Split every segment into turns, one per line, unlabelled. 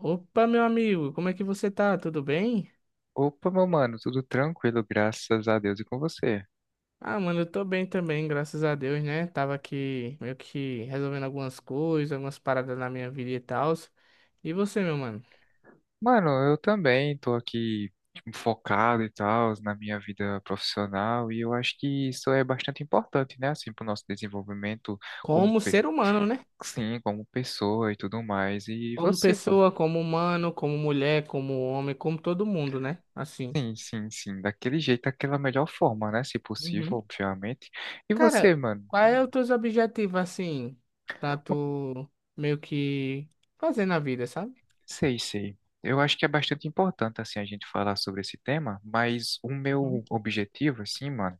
Opa, meu amigo, como é que você tá? Tudo bem?
Opa, meu mano, tudo tranquilo, graças a Deus e com você.
Ah, mano, eu tô bem também, graças a Deus, né? Tava aqui meio que resolvendo algumas coisas, algumas paradas na minha vida e tal. E você, meu mano?
Mano, eu também tô aqui tipo, focado e tal na minha vida profissional e eu acho que isso é bastante importante, né, assim, pro nosso desenvolvimento como,
Como
pe-
ser humano, né?
sim, como pessoa e tudo mais. E
Como
você, mano?
pessoa, como humano, como mulher, como homem, como todo mundo, né? Assim.
Sim, sim, sim, daquele jeito, daquela melhor forma, né, se possível,
Uhum.
obviamente. E você,
Cara,
mano?
quais
Hum.
são os teus objetivos, assim, pra tu meio que fazer na vida, sabe?
Sei, sei. Eu acho que é bastante importante assim a gente falar sobre esse tema, mas o meu
Uhum.
objetivo assim, mano,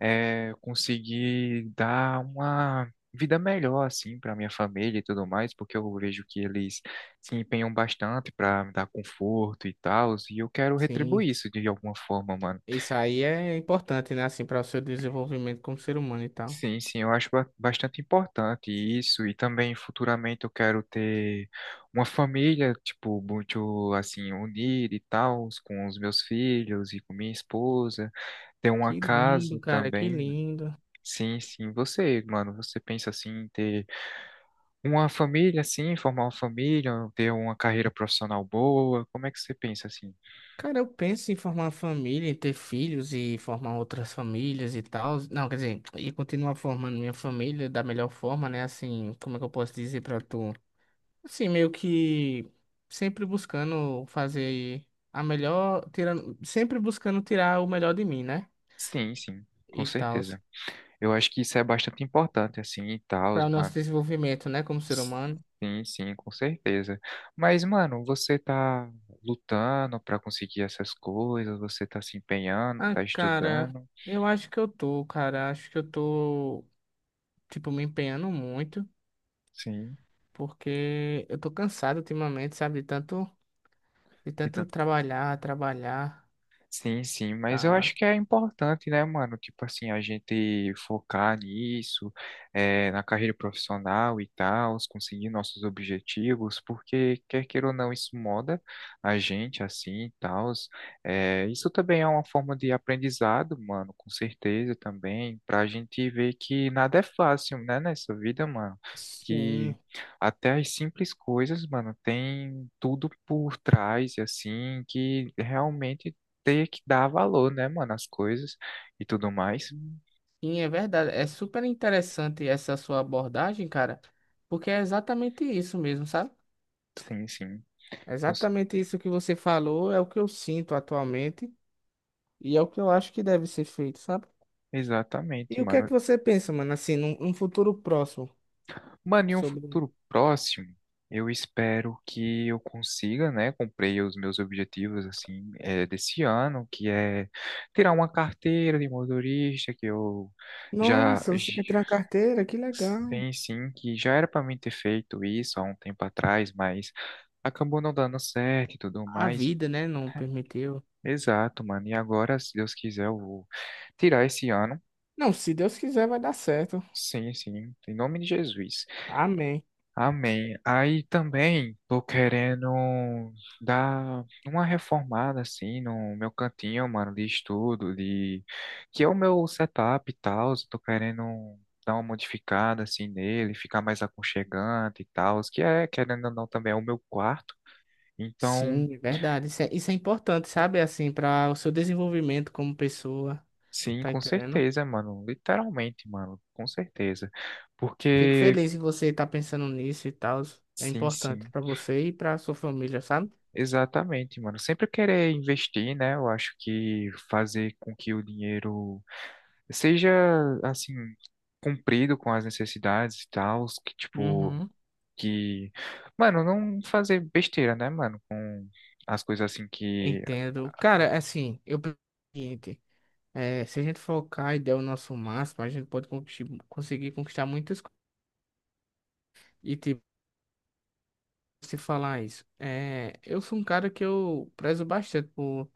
é, conseguir dar uma vida melhor assim para minha família e tudo mais, porque eu vejo que eles se empenham bastante para me dar conforto e tal, e eu quero
Sim.
retribuir isso de alguma forma, mano.
Isso aí é importante, né? Assim, para o seu desenvolvimento como ser humano e tal.
Sim, sim, eu acho bastante importante isso, e também futuramente eu quero ter uma família, tipo, muito assim, unida e tal, com os meus filhos e com minha esposa, ter uma casa
Que
também.
lindo.
Sim, sim, você, mano, você pensa assim em ter uma família, assim, formar uma família, ter uma carreira profissional boa, como é que você pensa assim?
Cara, eu penso em formar uma família, em ter filhos e formar outras famílias e tal. Não, quer dizer, e continuar formando minha família da melhor forma, né? Assim, como é que eu posso dizer pra tu? Assim, meio que sempre buscando fazer a melhor, tirando, sempre buscando tirar o melhor de mim, né?
Sim, sim, com
E tal,
certeza. Eu acho que isso é bastante importante, assim, e tal,
para o nosso
mano.
desenvolvimento, né, como ser humano.
Sim, sim, com certeza. Mas, mano, você tá lutando pra conseguir essas coisas, você tá se empenhando,
Ah,
tá
cara,
estudando,
eu acho que eu tô, cara. Acho que eu tô, tipo, me empenhando muito,
sim.
porque eu tô cansado ultimamente, sabe? De tanto trabalhar, trabalhar,
Sim, sim, mas eu
tá?
acho que é importante, né, mano? Tipo assim, a gente focar nisso, na carreira profissional e tal, conseguir nossos objetivos, porque quer queira ou não, isso moda a gente assim e tal. Isso também é uma forma de aprendizado, mano, com certeza também, pra gente ver que nada é fácil, né, nessa vida, mano. Que
Sim.
até as simples coisas, mano, tem tudo por trás, assim, que realmente ter que dar valor, né, mano, às coisas e tudo mais.
Sim, é verdade. É super interessante essa sua abordagem, cara, porque é exatamente isso mesmo, sabe?
Sim, sim.
É
cons-
exatamente isso que você falou é o que eu sinto atualmente e é o que eu acho que deve ser feito, sabe?
Exatamente,
E o que é
mano.
que você pensa, mano, assim, num futuro próximo?
Mano, em um
Sobre
futuro próximo, eu espero que eu consiga, né, cumprir os meus objetivos, assim, desse ano, que é tirar uma carteira de motorista, que eu já,
Nossa, você quer tirar uma carteira? Que legal.
sim, sim, que já era para mim ter feito isso há um tempo atrás, mas acabou não dando certo e tudo
A
mais.
vida, né, não permitiu.
Exato, mano. E agora, se Deus quiser, eu vou tirar esse ano.
Não, se Deus quiser, vai dar certo.
Sim, sim. Em nome de Jesus.
Amém.
Amém. Aí também tô querendo dar uma reformada assim no meu cantinho, mano, de estudo, de que é o meu setup e tal. Tô querendo dar uma modificada assim nele, ficar mais aconchegante e tal, que é, querendo ou não, também é o meu quarto. Então,
Sim, é verdade. Isso é importante, sabe? Assim, para o seu desenvolvimento como pessoa,
sim,
tá
com
entendendo?
certeza, mano. Literalmente, mano, com certeza.
Fico
Porque.
feliz em você estar pensando nisso e tal. É
Sim,
importante
sim.
para você e para sua família, sabe?
Exatamente, mano. Sempre querer investir, né? Eu acho que fazer com que o dinheiro seja, assim, cumprido com as necessidades e tal, que tipo,
Uhum.
que, mano, não fazer besteira, né, mano, com as coisas assim que.
Entendo. Cara, assim, eu penso o seguinte, é, se a gente focar e der o nosso máximo, a gente pode conquistar, conseguir conquistar muitas coisas. Se falar isso. É, eu sou um cara que eu prezo bastante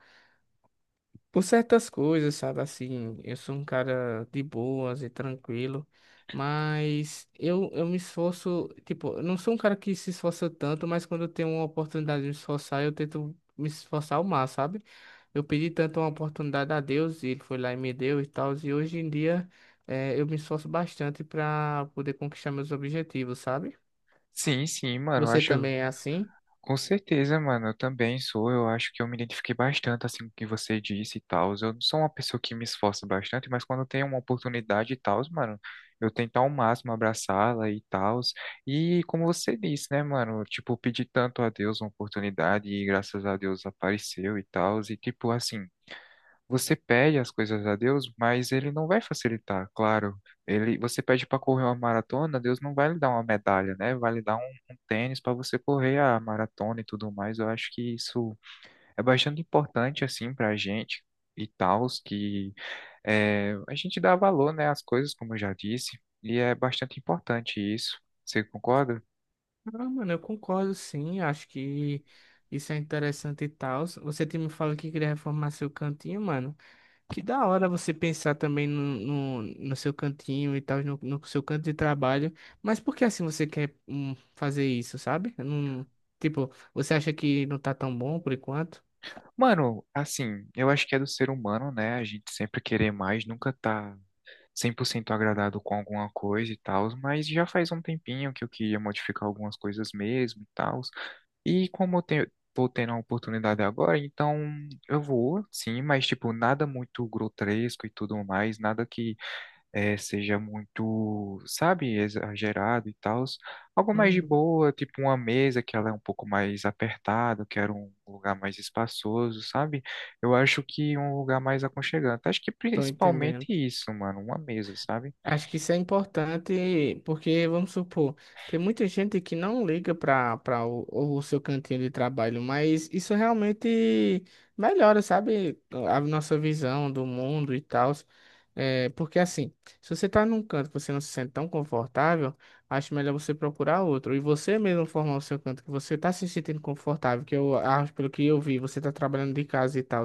por certas coisas, sabe? Assim, eu sou um cara de boas e tranquilo, mas eu me esforço, tipo, eu não sou um cara que se esforça tanto, mas quando eu tenho uma oportunidade de me esforçar, eu tento me esforçar ao máximo, sabe? Eu pedi tanto uma oportunidade a Deus e ele foi lá e me deu e tal, e hoje em dia é, eu me esforço bastante para poder conquistar meus objetivos, sabe?
Sim, sim, mano. Eu
Você
acho.
também é assim?
Com certeza, mano, eu também sou. Eu acho que eu me identifiquei bastante assim com o que você disse e tal. Eu não sou uma pessoa que me esforça bastante, mas quando eu tenho uma oportunidade e tal, mano, eu tento ao máximo abraçá-la e tal. E como você disse, né, mano, tipo, eu pedi tanto a Deus uma oportunidade e graças a Deus apareceu e tal. E tipo assim, você pede as coisas a Deus, mas ele não vai facilitar, claro. Ele, você pede para correr uma maratona, Deus não vai lhe dar uma medalha, né? Vai lhe dar um tênis para você correr a maratona e tudo mais. Eu acho que isso é bastante importante assim para a gente e tal, que é, a gente dá valor, né, às coisas, como eu já disse, e é bastante importante isso. Você concorda?
Ah, mano, eu concordo sim, acho que isso é interessante e tal. Você tinha me falado que queria reformar seu cantinho, mano. Que da hora você pensar também no seu cantinho e tal, no seu canto de trabalho. Mas por que assim você quer fazer isso, sabe? Eu não, tipo, você acha que não tá tão bom por enquanto?
Mano, assim, eu acho que é do ser humano, né? A gente sempre querer mais, nunca tá 100% agradado com alguma coisa e tal, mas já faz um tempinho que eu queria modificar algumas coisas mesmo e tal. E como eu tenho, tô tendo a oportunidade agora, então eu vou, sim, mas tipo, nada muito grotesco e tudo mais, nada que seja muito, sabe, exagerado e tal. Algo mais de
Uhum.
boa, tipo uma mesa que ela é um pouco mais apertada, eu quero um lugar mais espaçoso, sabe? Eu acho que um lugar mais aconchegante. Acho que
Tô
principalmente
entendendo.
isso, mano, uma mesa, sabe?
Acho que isso é importante porque, vamos supor, tem muita gente que não liga para o seu cantinho de trabalho, mas isso realmente melhora, sabe, a nossa visão do mundo e tal. É, porque assim, se você tá num canto que você não se sente tão confortável, acho melhor você procurar outro. E você mesmo formar o seu canto que você tá se sentindo confortável, que eu acho, pelo que eu vi, você tá trabalhando de casa e tal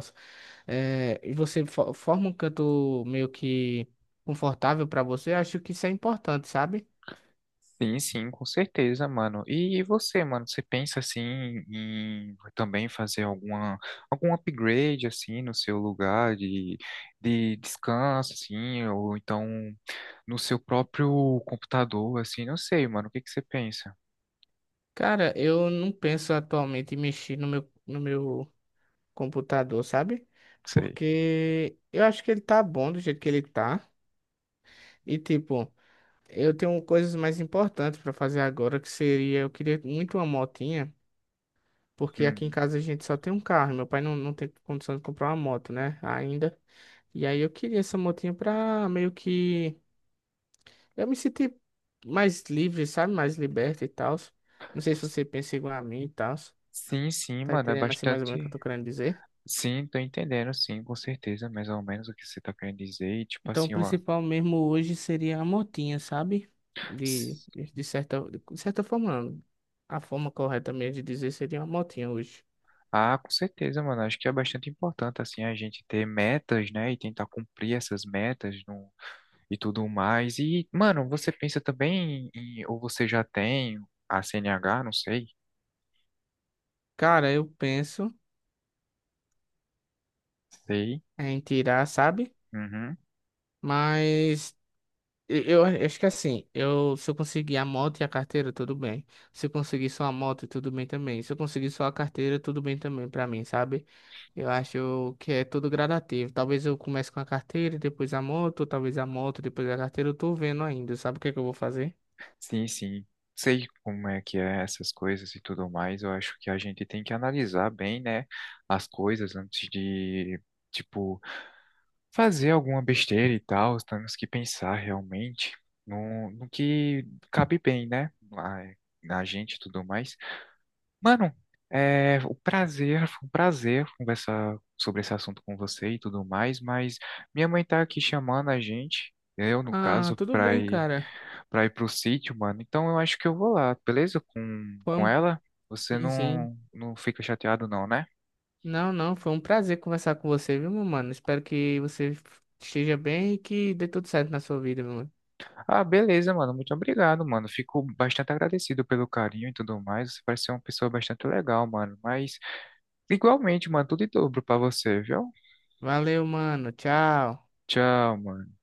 é, e você forma um canto meio que confortável pra você, acho que isso é importante, sabe?
Sim, sim, com certeza, mano. E você, mano, você pensa assim em também fazer algum upgrade assim no seu lugar de descanso, assim, ou então no seu próprio computador, assim, não sei, mano, o que que você pensa?
Cara, eu não penso atualmente em mexer no meu, no meu computador, sabe?
Sei.
Porque eu acho que ele tá bom do jeito que ele tá. E tipo, eu tenho coisas mais importantes pra fazer agora, que seria, eu queria muito uma motinha, porque aqui em
Hum.
casa a gente só tem um carro, meu pai não tem condição de comprar uma moto, né? Ainda. E aí eu queria essa motinha pra meio que eu me senti mais livre, sabe? Mais liberta e tal. Não sei se você pensa igual a mim e tal.
Sim, sim,
Tá
mano, é
entendendo assim mais ou menos o que eu
bastante.
tô querendo dizer?
Sim, tô entendendo, sim, com certeza, mais ou menos o que você tá querendo dizer. E, tipo
Então, o
assim, ó.
principal mesmo hoje seria a motinha, sabe? De, de certa, de certa forma, não. A forma correta mesmo de dizer seria uma motinha hoje.
Ah, com certeza, mano. Acho que é bastante importante, assim, a gente ter metas, né? E tentar cumprir essas metas no. E tudo mais. E, mano, você pensa também em. Ou você já tem a CNH? Não sei.
Cara, eu penso
Sei.
em tirar, sabe?
Uhum.
Mas eu acho que assim, eu, se eu conseguir a moto e a carteira, tudo bem. Se eu conseguir só a moto, tudo bem também. Se eu conseguir só a carteira, tudo bem também pra mim, sabe? Eu acho que é tudo gradativo. Talvez eu comece com a carteira e depois a moto, talvez a moto, depois a carteira. Eu tô vendo ainda, sabe o que é que eu vou fazer?
Sim, sim. Sei como é que é essas coisas e tudo mais. Eu acho que a gente tem que analisar bem, né? As coisas antes de, tipo, fazer alguma besteira e tal, temos que pensar realmente no que cabe bem, né? Na gente e tudo mais. Mano, foi um prazer conversar sobre esse assunto com você e tudo mais, mas minha mãe tá aqui chamando a gente, eu no
Ah,
caso,
tudo
pra
bem,
ir,
cara.
pro sítio, mano. Então eu acho que eu vou lá, beleza? Com,
Foi
com
um...
ela, você
Sim, sim.
não, não fica chateado não, né?
Não, não, foi um prazer conversar com você, viu, meu mano? Espero que você esteja bem e que dê tudo certo na sua vida, meu mano.
Ah, beleza, mano. Muito obrigado, mano. Fico bastante agradecido pelo carinho e tudo mais. Você parece ser uma pessoa bastante legal, mano. Mas, igualmente, mano, tudo em dobro pra você, viu?
Valeu, mano. Tchau.
Tchau, mano.